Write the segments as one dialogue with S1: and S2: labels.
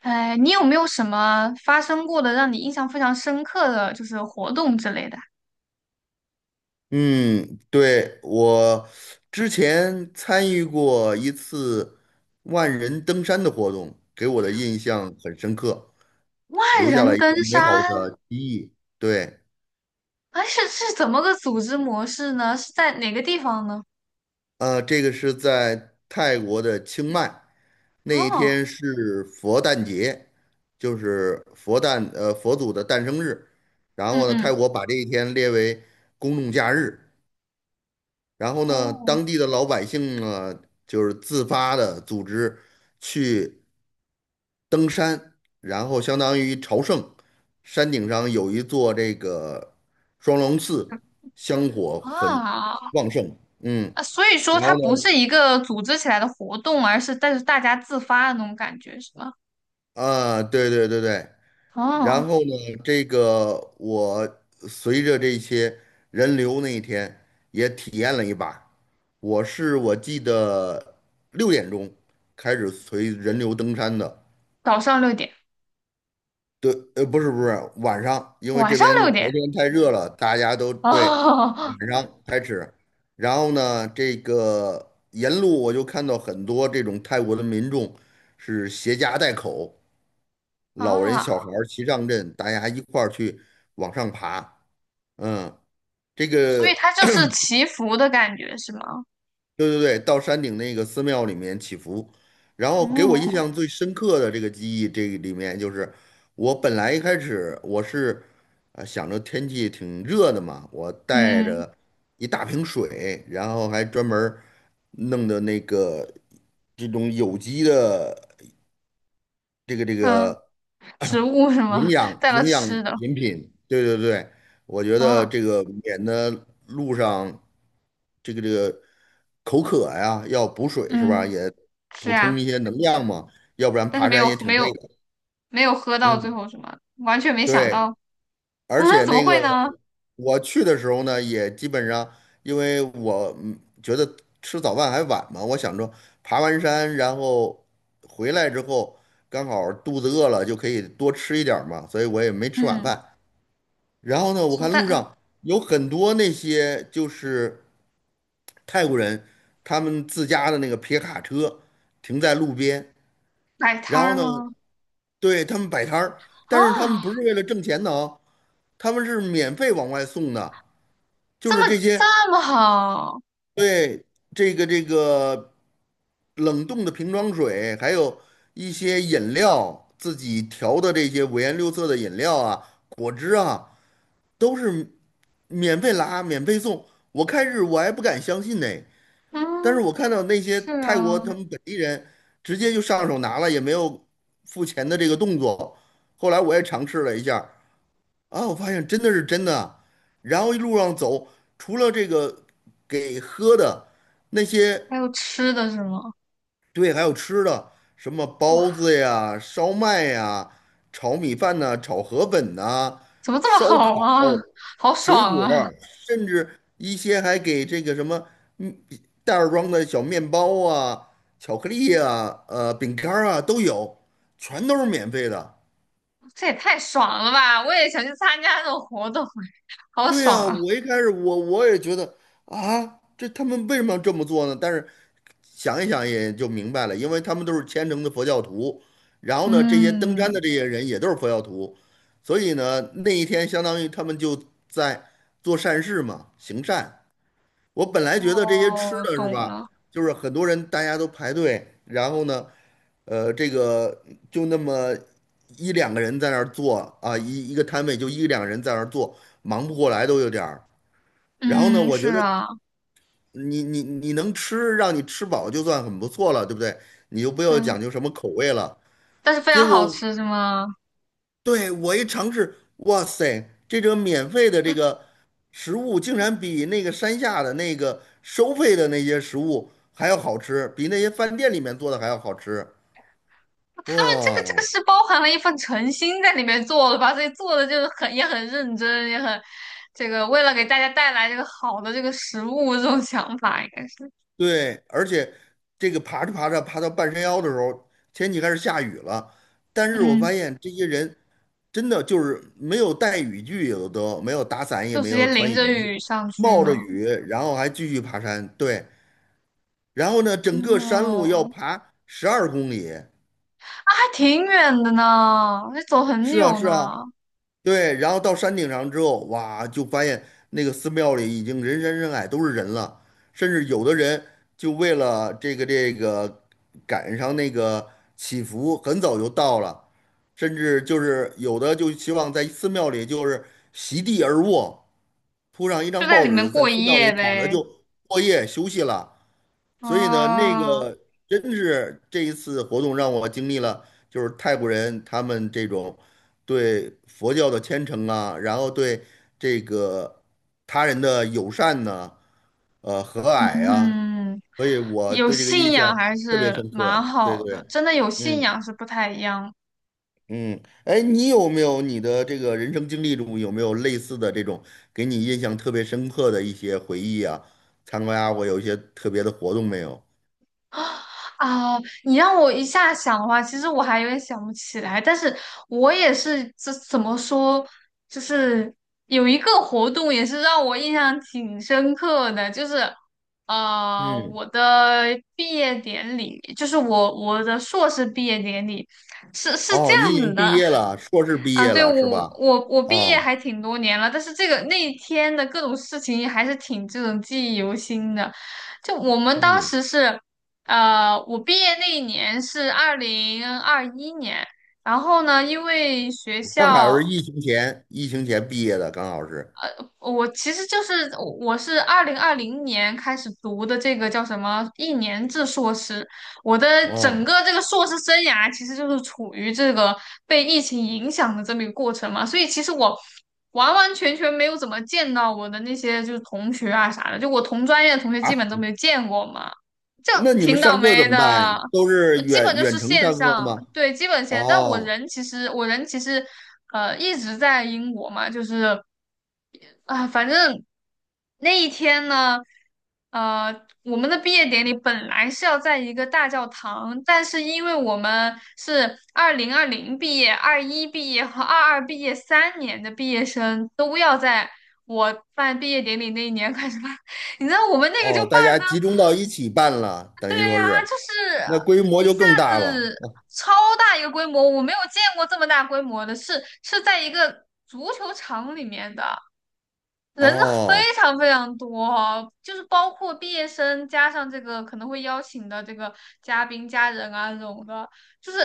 S1: 哎，你有没有什么发生过的让你印象非常深刻的，就是活动之类的啊？
S2: 嗯，对，我之前参与过一次万人登山的活动，给我的印象很深刻，
S1: 万
S2: 留下
S1: 人
S2: 了一
S1: 登
S2: 个美好
S1: 山。
S2: 的记忆。对，
S1: 哎，是怎么个组织模式呢？是在哪个地方呢？
S2: 这个是在泰国的清迈，那一
S1: 哦。
S2: 天是佛诞节，就是佛诞，佛祖的诞生日。然
S1: 嗯
S2: 后呢，泰
S1: 嗯。
S2: 国把这一天列为公众假日，然后呢，
S1: 哦
S2: 当地的老百姓呢，就是自发的组织去，然后相当于朝圣，山顶上有一座这个双龙寺，香火很
S1: 啊。
S2: 旺盛，
S1: 啊，所以说
S2: 然
S1: 它
S2: 后
S1: 不
S2: 呢，
S1: 是一个组织起来的活动，但是大家自发的那种感觉，是吗？
S2: 啊，对对对对，然
S1: 哦。
S2: 后呢，这个我随着这些人流那一天也体验了一把，我记得6点钟开始随人流登山的。
S1: 早上六点，
S2: 对，不是不是，晚上，因为
S1: 晚
S2: 这
S1: 上
S2: 边
S1: 六
S2: 白
S1: 点。
S2: 天太热了，大家都对
S1: 哦
S2: 晚上开始。然后呢，这个沿路我就看到很多这种泰国的民众是携家带口，老人小
S1: 哦。
S2: 孩儿齐上阵，大家一块儿去往上爬。嗯，这
S1: 所以
S2: 个
S1: 它就是祈福的感觉，是吗？
S2: 对对对，到山顶那个寺庙里面祈福，然后给我印
S1: 哦。
S2: 象最深刻的这个记忆，这个里面就是我本来一开始我是啊想着天气挺热的嘛，我带
S1: 嗯
S2: 着一大瓶水，然后还专门儿弄的那个这种有机的这个这
S1: 嗯。
S2: 个。
S1: 植物什么
S2: 营养
S1: 带了
S2: 营养
S1: 吃的
S2: 饮品，对对对，我觉得
S1: 啊。
S2: 这个免得路上这个这个口渴呀，要补水是吧？
S1: 嗯，
S2: 也
S1: 是
S2: 补充
S1: 啊。
S2: 一些能量嘛，要不然
S1: 但是
S2: 爬
S1: 没
S2: 山
S1: 有
S2: 也挺
S1: 没
S2: 累
S1: 有
S2: 的。
S1: 没有喝到最
S2: 嗯，
S1: 后什么，完全没想
S2: 对，
S1: 到。
S2: 而
S1: 嗯，
S2: 且
S1: 怎么
S2: 那个
S1: 会呢？
S2: 我去的时候呢，也基本上因为我觉得吃早饭还晚嘛，我想着爬完山然后回来之后刚好肚子饿了就可以多吃一点儿嘛，所以我也没吃晚
S1: 嗯。
S2: 饭。然后呢，我
S1: 什么
S2: 看路
S1: 蛋
S2: 上有很多那些就是泰国人，他们自家的那个皮卡车停在路边，
S1: 摆摊
S2: 然后
S1: 儿
S2: 呢，
S1: 吗？
S2: 对他们摆摊儿，但是他们不
S1: 啊，
S2: 是为了挣钱的啊，他们是免费往外送的，就是
S1: 这么
S2: 这些，
S1: 这么好。
S2: 对，这个冷冻的瓶装水，还有一些饮料，自己调的这些五颜六色的饮料啊、果汁啊，都是免费拿，免费送。我开始我还不敢相信呢，但是
S1: 嗯，
S2: 我看到那些
S1: 是
S2: 泰国他
S1: 啊。
S2: 们本地人直接就上手拿了，也没有付钱的这个动作。后来我也尝试了一下，啊，我发现真的是真的啊。然后一路上走，除了这个给喝的那些
S1: 还有吃的是吗？
S2: 对，还有吃的，什么
S1: 哇，
S2: 包子呀、烧麦呀、炒米饭呐、炒河粉呐、
S1: 怎么这么
S2: 烧烤、
S1: 好啊？好
S2: 水
S1: 爽
S2: 果
S1: 啊！
S2: 儿甚至一些还给这个什么嗯袋儿装的小面包啊、巧克力啊、饼干儿啊都有，全都是免费的。
S1: 这也太爽了吧！我也想去参加这种活动，好
S2: 对
S1: 爽
S2: 呀，
S1: 啊！
S2: 我一开始我也觉得啊，这他们为什么要这么做呢？但是想一想也就明白了，因为他们都是虔诚的佛教徒，然后呢，这些登山
S1: 嗯。
S2: 的这些人也都是佛教徒，所以呢，那一天相当于他们就在做善事嘛，行善。我本来觉得这些吃
S1: 哦，
S2: 的是
S1: 懂
S2: 吧，
S1: 了。
S2: 就是很多人大家都排队，然后呢，呃，这个就那么一两个人在那儿做啊，一个摊位就一两个人在那儿做，忙不过来都有点儿。然后呢，
S1: 嗯，
S2: 我
S1: 是
S2: 觉得
S1: 啊。
S2: 你能吃，让你吃饱就算很不错了，对不对？你就不要
S1: 对，
S2: 讲究什么口味了。
S1: 但是非
S2: 结
S1: 常好
S2: 果，
S1: 吃是吗？
S2: 对，我一尝试，哇塞，这个免费的这个食物竟然比那个山下的那个收费的那些食物还要好吃，比那些饭店里面做的还要好吃。
S1: 他们这个
S2: 哇，
S1: 是包含了一份诚心在里面做的吧，所以做的就是很也很认真，也很这个。为了给大家带来这个好的这个食物这种想法应该是。
S2: 对，而且这个爬着爬着爬到半山腰的时候，天气开始下雨了，但是我
S1: 嗯，
S2: 发现这些人，真的就是没有带雨具，有的都没有打伞，也
S1: 就
S2: 没
S1: 直接
S2: 有穿
S1: 淋着
S2: 雨衣，
S1: 雨上去
S2: 冒着
S1: 吗？
S2: 雨，然后还继续爬山。对，然后呢，整个山路要
S1: 哦，
S2: 爬12公里。
S1: 还挺远的呢，得走很
S2: 是啊，
S1: 久
S2: 是啊，
S1: 呢。
S2: 对。然后到山顶上之后，哇，就发现那个寺庙里已经人山人海，都是人了。甚至有的人就为了这个赶上那个祈福，很早就到了。甚至就是有的就希望在寺庙里就是席地而卧。铺上一
S1: 就
S2: 张
S1: 在
S2: 报
S1: 里面
S2: 纸，在
S1: 过
S2: 寺
S1: 一
S2: 庙里
S1: 夜
S2: 躺着
S1: 呗。
S2: 就过夜休息了。所以呢，那
S1: 哦。
S2: 个真是这一次活动让我经历了，就是泰国人他们这种对佛教的虔诚啊，然后对这个他人的友善呐、和蔼啊，
S1: 嗯，
S2: 所以我
S1: 有
S2: 对这个印
S1: 信
S2: 象
S1: 仰还
S2: 特别
S1: 是
S2: 深
S1: 蛮
S2: 刻。对
S1: 好的，
S2: 对，
S1: 真的有信
S2: 嗯。
S1: 仰是不太一样的。
S2: 嗯，哎，你有没有你的这个人生经历中有没有类似的这种给你印象特别深刻的一些回忆啊？参加过有一些特别的活动没有？
S1: 啊。啊！你让我一下想的话，其实我还有点想不起来，但是我也是。这怎么说，就是有一个活动也是让我印象挺深刻的，就是
S2: 嗯，
S1: 我的毕业典礼，就是我的硕士毕业典礼是这
S2: 哦，你
S1: 样
S2: 已
S1: 子
S2: 经毕
S1: 的。
S2: 业了，硕士毕
S1: 啊，
S2: 业
S1: 对，我
S2: 了是吧？
S1: 我我毕业
S2: 哦，
S1: 还挺多年了，但是这个那一天的各种事情还是挺这种记忆犹新的。就我们当
S2: 嗯，
S1: 时是，我毕业那一年是2021年，然后呢，因为学
S2: 刚好
S1: 校，
S2: 是疫情前，疫情前毕业的，刚好是。
S1: 我其实就是，我是2020年开始读的这个叫什么一年制硕士，我的整
S2: 哦，
S1: 个这个硕士生涯其实就是处于这个被疫情影响的这么一个过程嘛，所以其实我完完全全没有怎么见到我的那些就是同学啊啥的，就我同专业的同学
S2: 啊，
S1: 基本都没见过嘛，
S2: 那
S1: 就
S2: 你们
S1: 挺倒
S2: 上课怎
S1: 霉
S2: 么
S1: 的。
S2: 办？都是
S1: 基本
S2: 远
S1: 就是
S2: 远程
S1: 线
S2: 上课
S1: 上，
S2: 吗？
S1: 对，基本线。但我
S2: 哦，
S1: 人其实，我人其实，一直在英国嘛，就是，啊、反正那一天呢，呃，我们的毕业典礼本来是要在一个大教堂，但是因为我们是二零二零毕业、二一毕业和22毕业3年的毕业生，都要在我办毕业典礼那一年开始办。你知道我们那个就
S2: 哦，大
S1: 办
S2: 家
S1: 呢。
S2: 集中到一起办了，等
S1: 对
S2: 于说
S1: 呀、
S2: 是，
S1: 就是
S2: 那规模
S1: 一
S2: 就
S1: 下
S2: 更大了。
S1: 子超大一个规模，我没有见过这么大规模的，是在一个足球场里面的，人非
S2: 哦。
S1: 常非常多哦，就是包括毕业生，加上这个可能会邀请的这个嘉宾、家人啊这种的，就是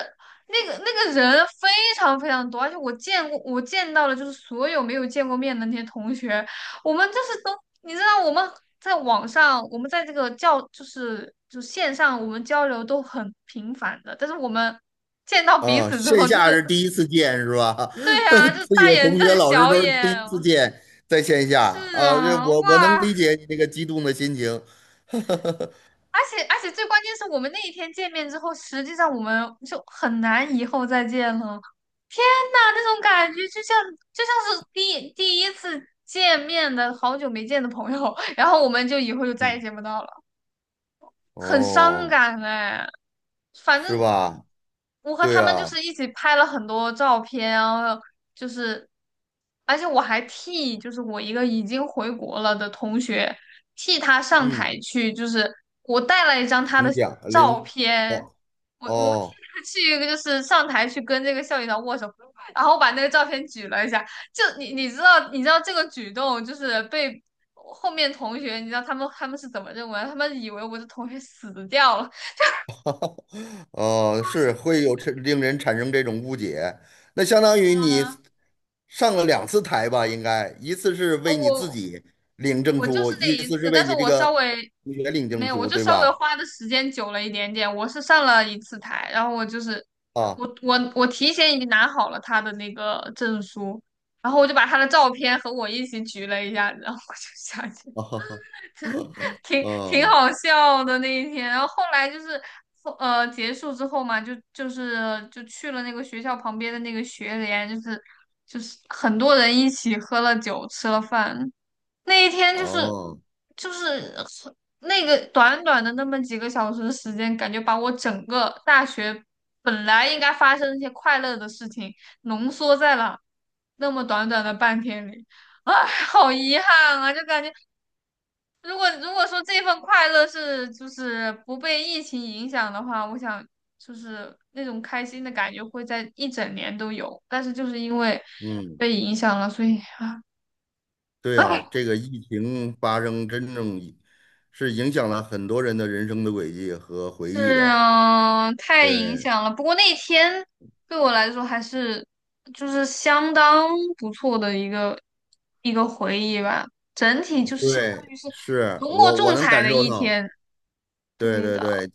S1: 那个人非常非常多。而且我见过，我见到了就是所有没有见过面的那些同学，我们就是都，你知道我们在网上，我们在这个教就是就线上，我们交流都很频繁的，但是我们见到彼
S2: 啊，
S1: 此之后，
S2: 线
S1: 就是，
S2: 下是第一次见是吧？
S1: 对 啊，就是
S2: 自己
S1: 大
S2: 的
S1: 眼
S2: 同学、
S1: 瞪
S2: 老师
S1: 小
S2: 都是第一次
S1: 眼。
S2: 见，在线下
S1: 是
S2: 啊，这
S1: 啊，
S2: 我能
S1: 哇，
S2: 理解你那个激动的心情。
S1: 而且最关键是我们那一天见面之后，实际上我们就很难以后再见了。天呐，那种感觉就像是第一次见面的好久没见的朋友，然后我们就以后就再也
S2: 嗯
S1: 见不到了，很伤
S2: 哦，
S1: 感哎。反
S2: 是
S1: 正
S2: 吧？
S1: 我和
S2: 对
S1: 他们就
S2: 啊，
S1: 是一起拍了很多照片，然后就是，而且我还替就是我一个已经回国了的同学替他上
S2: 嗯，
S1: 台去，就是我带了一张他
S2: 领
S1: 的
S2: 奖
S1: 照
S2: 领
S1: 片，
S2: 哦
S1: 我替
S2: 哦
S1: 他去一个就是上台去跟这个校领导握手，然后把那个照片举了一下，就你知道这个举动就是被，后面同学，你知道他们是怎么认为？他们以为我的同学死掉了。
S2: 哦，是会有这令人产生这种误解。那相当于你
S1: 嗯
S2: 上了两次台吧？应该一次是
S1: 啊
S2: 为你自
S1: 我
S2: 己领证
S1: 我就是
S2: 书，
S1: 那
S2: 一
S1: 一
S2: 次是
S1: 次，
S2: 为
S1: 但是
S2: 你这
S1: 我稍
S2: 个
S1: 微
S2: 同学领
S1: 没
S2: 证
S1: 有，我
S2: 书，
S1: 就
S2: 对
S1: 稍微
S2: 吧？
S1: 花的时间久了一点点。我是上了一次台，然后我就是，
S2: 啊。
S1: 我提前已经拿好了他的那个证书，然后我就把他的照片和我一起举了一下，然后我就下 去。
S2: 啊哈哈，
S1: 挺
S2: 哦
S1: 好笑的那一天。然后后来就是，结束之后嘛，就去了那个学校旁边的那个学联，就是很多人一起喝了酒，吃了饭。那一天就是
S2: 哦，
S1: 就是那个短短的那么几个小时的时间，感觉把我整个大学本来应该发生的一些快乐的事情，浓缩在了那么短短的半天里。哎，好遗憾啊！就感觉如果说这份快乐是就是不被疫情影响的话，我想就是那种开心的感觉会在一整年都有，但是就是因为
S2: 嗯，
S1: 被影响了，所以啊。
S2: 对啊，
S1: 哎。
S2: 这个疫情发生真正影响了很多人的人生的轨迹和回忆
S1: 是
S2: 的。
S1: 啊，太影
S2: 对
S1: 响了。不过那天对我来说还是就是相当不错的一个回忆吧。整体就是相当
S2: 对，
S1: 于是
S2: 是
S1: 浓墨
S2: 我
S1: 重
S2: 能
S1: 彩
S2: 感
S1: 的
S2: 受
S1: 一
S2: 到。
S1: 天。
S2: 对
S1: 对
S2: 对
S1: 的。
S2: 对，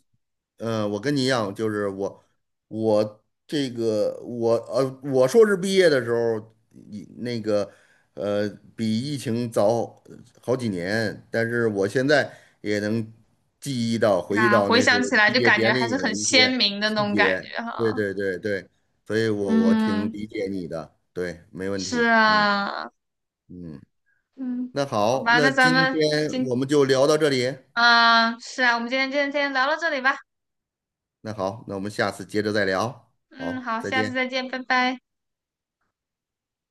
S2: 我跟你一样，就是我，我这个我呃，我硕士毕业的时候，一那个呃，比疫情早好几年，但是我现在也能记忆到、回忆
S1: 那
S2: 到
S1: 回
S2: 那时
S1: 想
S2: 候
S1: 起来
S2: 毕
S1: 就
S2: 业
S1: 感觉
S2: 典
S1: 还是
S2: 礼的
S1: 很
S2: 一
S1: 鲜
S2: 些
S1: 明的那
S2: 细
S1: 种感
S2: 节。
S1: 觉哈。
S2: 对对对对，所以我挺
S1: 嗯，
S2: 理解你的，对，没问
S1: 是
S2: 题。
S1: 啊。
S2: 嗯，
S1: 嗯，
S2: 那
S1: 好
S2: 好，
S1: 吧，
S2: 那
S1: 那咱
S2: 今
S1: 们
S2: 天
S1: 今，
S2: 我们就聊到这里。
S1: 啊，是啊，我们今天聊到这里吧。
S2: 那好，那我们下次接着再聊。
S1: 嗯，
S2: 好，
S1: 好，
S2: 再
S1: 下次
S2: 见。
S1: 再见，拜拜。